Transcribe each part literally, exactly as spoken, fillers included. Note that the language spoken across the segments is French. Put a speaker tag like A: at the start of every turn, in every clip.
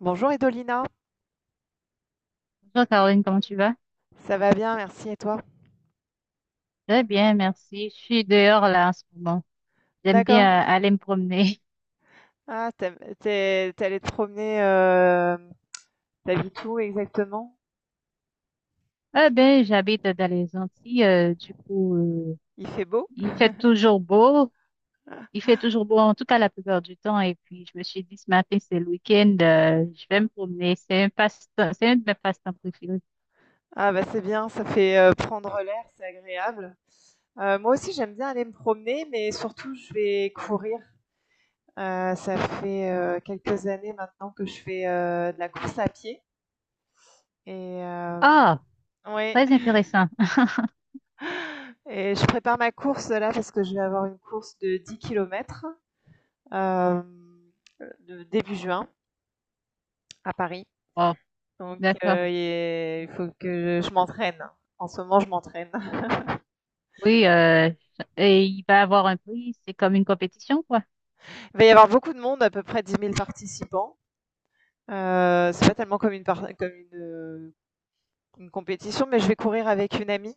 A: Bonjour Edolina,
B: Bonjour Caroline, comment tu vas?
A: ça va bien, merci et toi?
B: Très bien, merci. Je suis dehors là en ce moment. J'aime bien
A: D'accord.
B: euh, aller me promener.
A: Ah, t'aimes- t'es, t'es allée te promener, euh, t'habites où exactement?
B: Ah ben, j'habite dans les Antilles, euh, du coup, euh,
A: Il fait beau?
B: il fait toujours beau. Il fait toujours beau, en tout cas la plupart du temps. Et puis, je me suis dit ce matin, c'est le week-end, euh, je vais me promener. C'est un passe-temps, c'est un de mes passe-temps préférés.
A: Ah bah c'est bien, ça fait euh, prendre l'air, c'est agréable. Euh, moi aussi j'aime bien aller me promener, mais surtout je vais courir. Euh, ça fait euh, quelques années maintenant que je fais euh, de la course à pied. Et euh,
B: Ah,
A: ouais,
B: très intéressant.
A: et je prépare ma course là parce que je vais avoir une course de dix kilomètres, euh, de- début juin à Paris.
B: Oh,
A: Donc,
B: d'accord.
A: euh, et il faut que je m'entraîne. En ce moment, je m'entraîne.
B: Oui, euh, et il va avoir un prix. C'est comme une compétition, quoi.
A: Il va y avoir beaucoup de monde, à peu près dix mille participants. Euh, c'est pas tellement comme une, par- comme une, euh, une compétition, mais je vais courir avec une amie.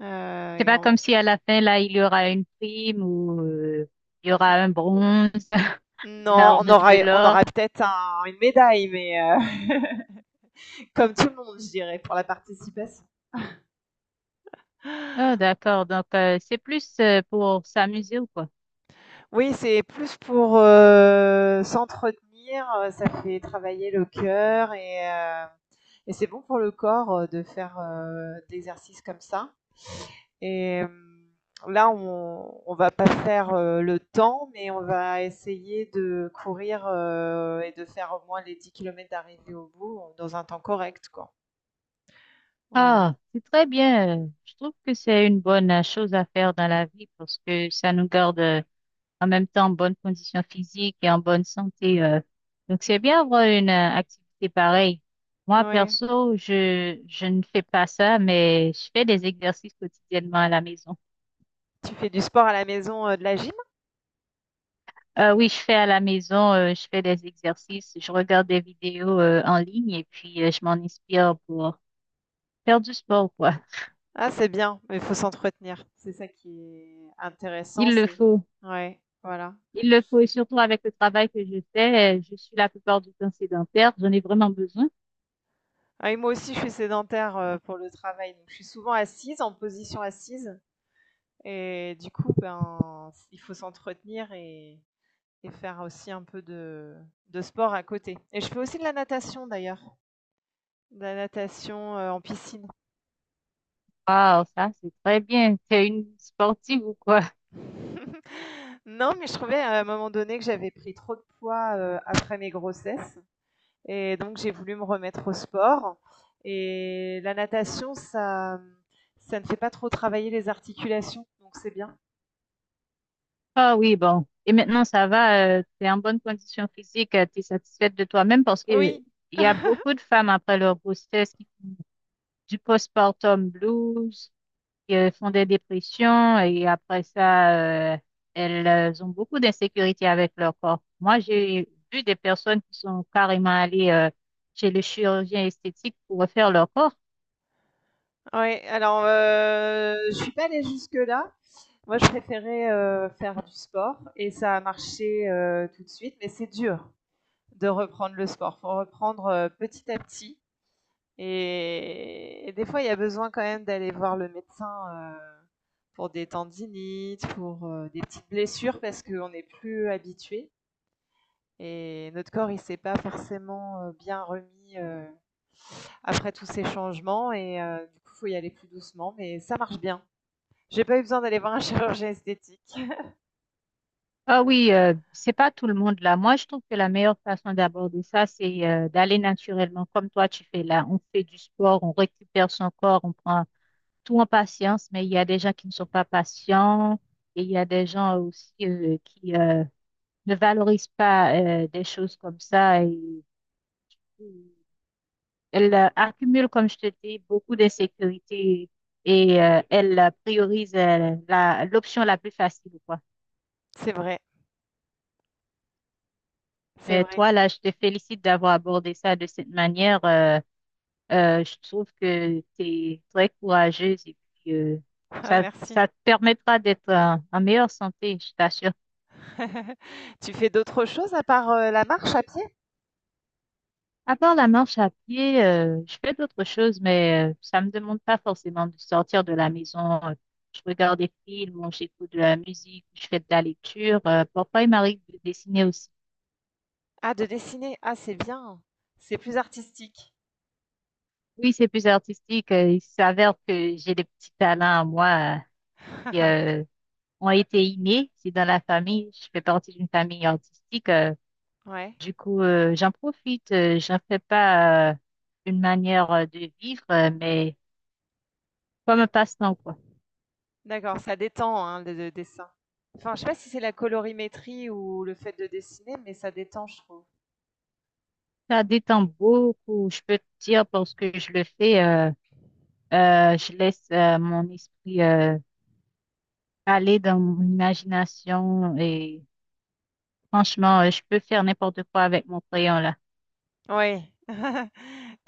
A: Euh,
B: C'est
A: et
B: pas comme
A: on-
B: si à la fin, là, il y aura une prime ou euh, il y aura un bronze, un
A: Non, on
B: argent,
A: aura,
B: de
A: on
B: l'or.
A: aura peut-être un- une médaille, mais euh, comme tout le monde, je dirais, pour la participation.
B: Ah, d'accord. Donc, euh, c'est plus euh, pour s'amuser ou quoi?
A: Oui, c'est plus pour, heu, s'entretenir, heu, ça fait travailler le cœur et heu et c'est bon pour le corps, heu, de faire, heu, d'exercices comme ça et hem, là, on on va pas faire, heu, le temps, mais on va essayer de courir, heu et de faire au moins les dix kilomètres d'arrivée au bout, euh, dans un temps correct, quoi. Voilà.
B: Ah, c'est très bien. Je trouve que c'est une bonne euh, chose à faire dans la vie parce que ça nous garde euh, en même temps en bonne condition physique et en bonne santé. euh. Donc, c'est bien avoir une euh, activité pareille. Moi,
A: Oui.
B: perso, je, je ne fais pas ça, mais je fais des exercices quotidiennement à la maison.
A: Tu fais du sport à la maison, heu, de la gym?
B: Euh, oui, je fais à la maison, euh, je fais des exercices, je regarde des vidéos euh, en ligne et puis euh, je m'en inspire pour faire du sport, quoi.
A: Ah, c'est bien, mais il faut s'entretenir. C'est ça qui est intéressant,
B: Il le
A: c'est,
B: faut.
A: ouais, voilà.
B: Il le faut et surtout avec le travail que je fais, euh, je suis la plupart du temps sédentaire, j'en ai vraiment besoin.
A: Ah, et moi aussi, je suis sédentaire euh, pour le travail, donc je suis souvent assise, en position assise, et du coup, ben, il faut s'entretenir et, et faire aussi un peu de, de sport à côté. Et je fais aussi de la natation d'ailleurs, de la natation euh, en piscine.
B: Waouh, ça, c'est très bien. T'es une sportive ou quoi?
A: Non, mais je trouvais à un moment donné que j'avais pris trop de poids euh, après mes grossesses. Et donc, j'ai voulu me remettre au sport. Et la natation, ça, ça ne fait pas trop travailler les articulations, donc c'est bien.
B: Ah oui, bon. Et maintenant, ça va, tu t'es en bonne condition physique, euh, t'es satisfaite de toi-même parce que euh,
A: Oui.
B: il y a beaucoup de femmes après leur grossesse qui font du postpartum blues, euh, font des dépressions et après ça, euh, elles euh, ont beaucoup d'insécurité avec leur corps. Moi, j'ai vu des personnes qui sont carrément allées euh, chez le chirurgien esthétique pour refaire leur corps.
A: Ouais, alors euh, je suis pas allée jusque-là. Moi, je préférais euh, faire du sport et ça a marché euh, tout de suite, mais c'est dur de reprendre le sport. Faut reprendre euh, petit à petit. Et, et des fois, il y a besoin quand même d'aller voir le médecin euh, pour des tendinites, pour euh, des petites blessures, parce qu'on n'est plus habitué. Et notre corps, il ne s'est pas forcément euh, bien remis euh, après tous ces changements. Et euh, du coup, il faut y aller plus doucement, mais ça marche bien. J'ai pas eu besoin d'aller voir un chirurgien esthétique.
B: Ah oui, euh, c'est pas tout le monde là. Moi, je trouve que la meilleure façon d'aborder ça, c'est euh, d'aller naturellement comme toi tu fais là. On fait du sport, on récupère son corps, on prend tout en patience, mais il y a des gens qui ne sont pas patients et il y a des gens aussi euh, qui euh, ne valorise pas euh, des choses comme ça. Et, elle euh, accumule, comme je te dis, beaucoup d'insécurité et euh, elle euh, priorise euh, la, l'option la plus facile, quoi.
A: C'est vrai, c'est
B: Mais
A: vrai.
B: toi, là, je te félicite d'avoir abordé ça de cette manière. Euh, euh, je trouve que tu es très courageuse et puis euh,
A: Ah,
B: ça,
A: merci.
B: ça te permettra d'être en en meilleure santé, je t'assure.
A: Tu fais d'autres choses à part euh, la marche à pied?
B: À part la marche à pied, euh, je fais d'autres choses, mais euh, ça me demande pas forcément de sortir de la maison. Euh, Je regarde des films, ou j'écoute de la musique, ou je fais de la lecture. Euh, parfois, il m'arrive de dessiner aussi.
A: Ah, de dessiner. Ah, c'est bien. C'est plus artistique.
B: Oui, c'est plus artistique. Euh, il s'avère que j'ai des petits talents à moi euh, qui euh, ont été innés. C'est dans la famille. Je fais partie d'une famille artistique. euh,
A: Ouais,
B: du coup, euh, j'en profite. Euh, j'en fais pas euh, une manière euh, de vivre, euh, mais comme un passe-temps, quoi.
A: d'accord, ça détend, hein, le le dessin. Enfin, je sais pas si c'est la colorimétrie ou le fait de dessiner, mais ça détend, je trouve.
B: Ça détend beaucoup, je peux te dire, parce que je le fais, euh, euh, je laisse euh, mon esprit euh, aller dans mon imagination et franchement, euh, je peux faire n'importe quoi avec mon crayon là.
A: Oui.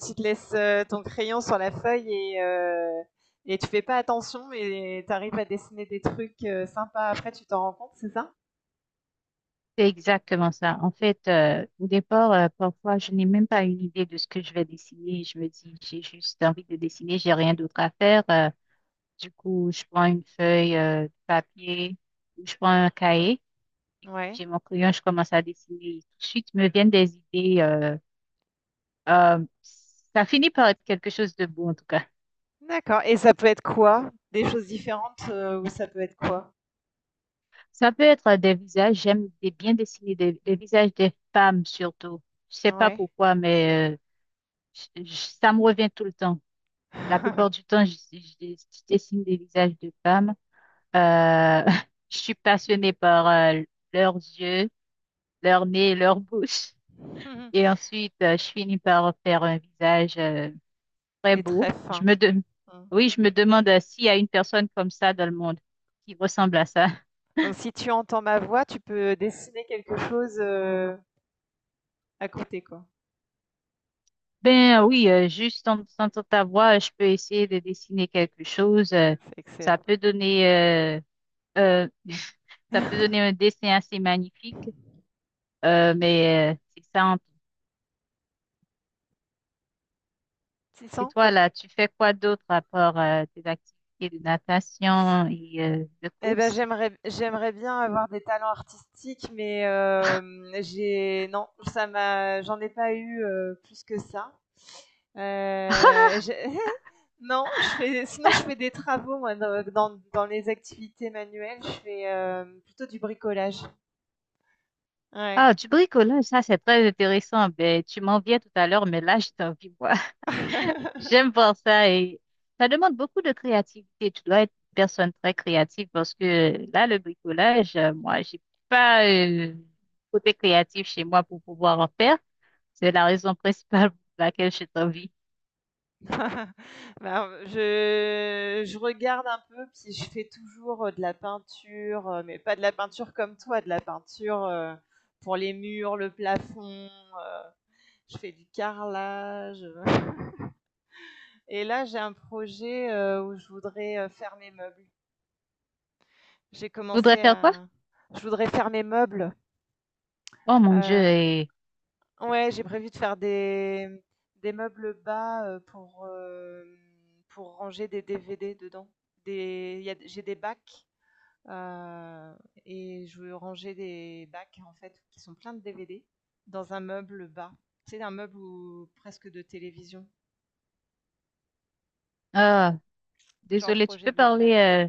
A: Tu te laisses, heu, ton crayon sur la feuille et heu et tu fais pas attention et tu arrives à dessiner des trucs, heu, sympas, après tu t'en rends compte, c'est ça?
B: C'est exactement ça. En fait, euh, au départ, euh, parfois, je n'ai même pas une idée de ce que je vais dessiner. Je me dis, j'ai juste envie de dessiner, j'ai rien d'autre à faire. Euh, du coup, je prends une feuille euh, de papier ou je prends un cahier,
A: Ouais,
B: j'ai mon crayon, je commence à dessiner. Tout de suite, me viennent des idées. euh, Euh, ça finit par être quelque chose de beau en tout cas.
A: d'accord, et ça peut être quoi? Des choses différentes, heu, ou ça peut être quoi?
B: Ça peut être des visages, j'aime des- bien dessiner des, des visages des femmes surtout. Je sais pas
A: Ouais.
B: pourquoi, mais euh, je- je- ça me revient tout le temps. La plupart du temps, je, je- je dessine des visages de femmes. Euh, je suis passionnée par euh, leurs yeux, leur nez, leur bouche. Et ensuite, euh, je finis par faire un visage euh, très
A: Les
B: beau.
A: très
B: Je
A: fins.
B: me de-
A: Mmh.
B: Oui, je me demande euh, s'il y a une personne comme ça dans le monde qui ressemble à ça.
A: Donc si tu entends ma voix, tu peux euh, dessiner quelque chose euh, à côté, quoi.
B: Ben oui, euh, juste en entendant ta voix, je peux essayer de dessiner quelque chose. Euh,
A: C'est
B: ça
A: excellent.
B: peut donner, euh, euh, ça peut donner un dessin assez magnifique. euh, mais euh, c'est ça. En Et
A: six cents
B: toi
A: Pas-
B: là, tu fais quoi d'autre à part euh, tes activités de natation et euh, de
A: Eh ben,
B: course?
A: j'aimerais j'aimerais bien avoir des talents artistiques, mais euh, j'ai non, ça m'a j'en ai pas eu euh, plus que ça. Euh, j'ai- non, je fais, sinon je fais des travaux moi dans, dans- dans les activités manuelles, je fais euh, plutôt du bricolage. Ouais.
B: Ah, du bricolage, ça c'est très intéressant. Ben tu m'en viens tout à l'heure, mais là j'ai envie. J'aime voir ça et ça demande beaucoup de créativité. Tu dois être une personne très créative parce que là, le bricolage, euh, moi, j'ai pas euh, côté créatif chez moi pour pouvoir en faire. C'est la raison principale pour laquelle j'ai envie.
A: Bah, je je regarde un peu, puis je fais toujours, heu, de la peinture, heu, mais pas de la peinture comme toi, de la peinture, heu, pour les murs, le plafond, heu, je fais du carrelage, et là, j'ai un projet, heu, où je voudrais, heu, faire mes meubles. J'ai
B: Tu
A: commencé
B: voudrais faire quoi?
A: à je voudrais faire mes meubles,
B: Oh mon Dieu.
A: heu
B: Et...
A: ouais, j'ai prévu de faire des, mmh, des meubles bas, heu, pour, hem, pour ranger des D V D dedans. Des il y a J'ai des bacs. Euh, et je veux ranger des bacs en fait qui sont pleins de D V D dans un meuble bas. C'est un meuble où- presque de télévision.
B: Ah,
A: J'ai un
B: désolée, tu
A: projet
B: peux
A: de le
B: parler,
A: faire.
B: euh,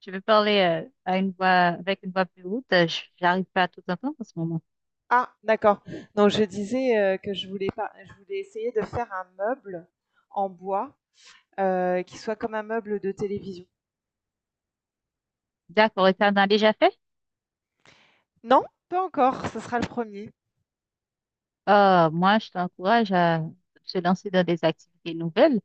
B: tu veux parler euh, à une voix, avec une voix plus haute. Euh, j- J'arrive pas à tout entendre en ce moment.
A: Ah, d'accord. Donc je disais euh, que je voulais pas, je voulais essayer de faire un meuble en bois euh, qui soit comme un meuble de télévision.
B: D'accord, et t'en as déjà fait?
A: Non, pas encore. Ce sera le premier.
B: Ah, moi, je t'encourage à se lancer dans des activités nouvelles.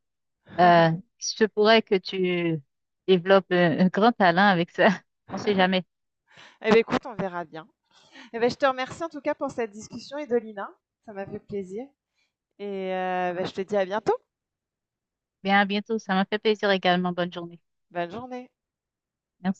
B: Euh, il se pourrait que tu développes un, un grand talent avec ça. On sait jamais.
A: Eh bien, écoute, on verra bien. Eh ben, je te remercie en tout cas pour cette discussion, Edolina. Ça m'a fait plaisir. Et euh, ben, je te dis à bientôt.
B: Bien, à bientôt. Ça m'a fait plaisir également. Bonne journée.
A: Bonne journée.
B: Merci.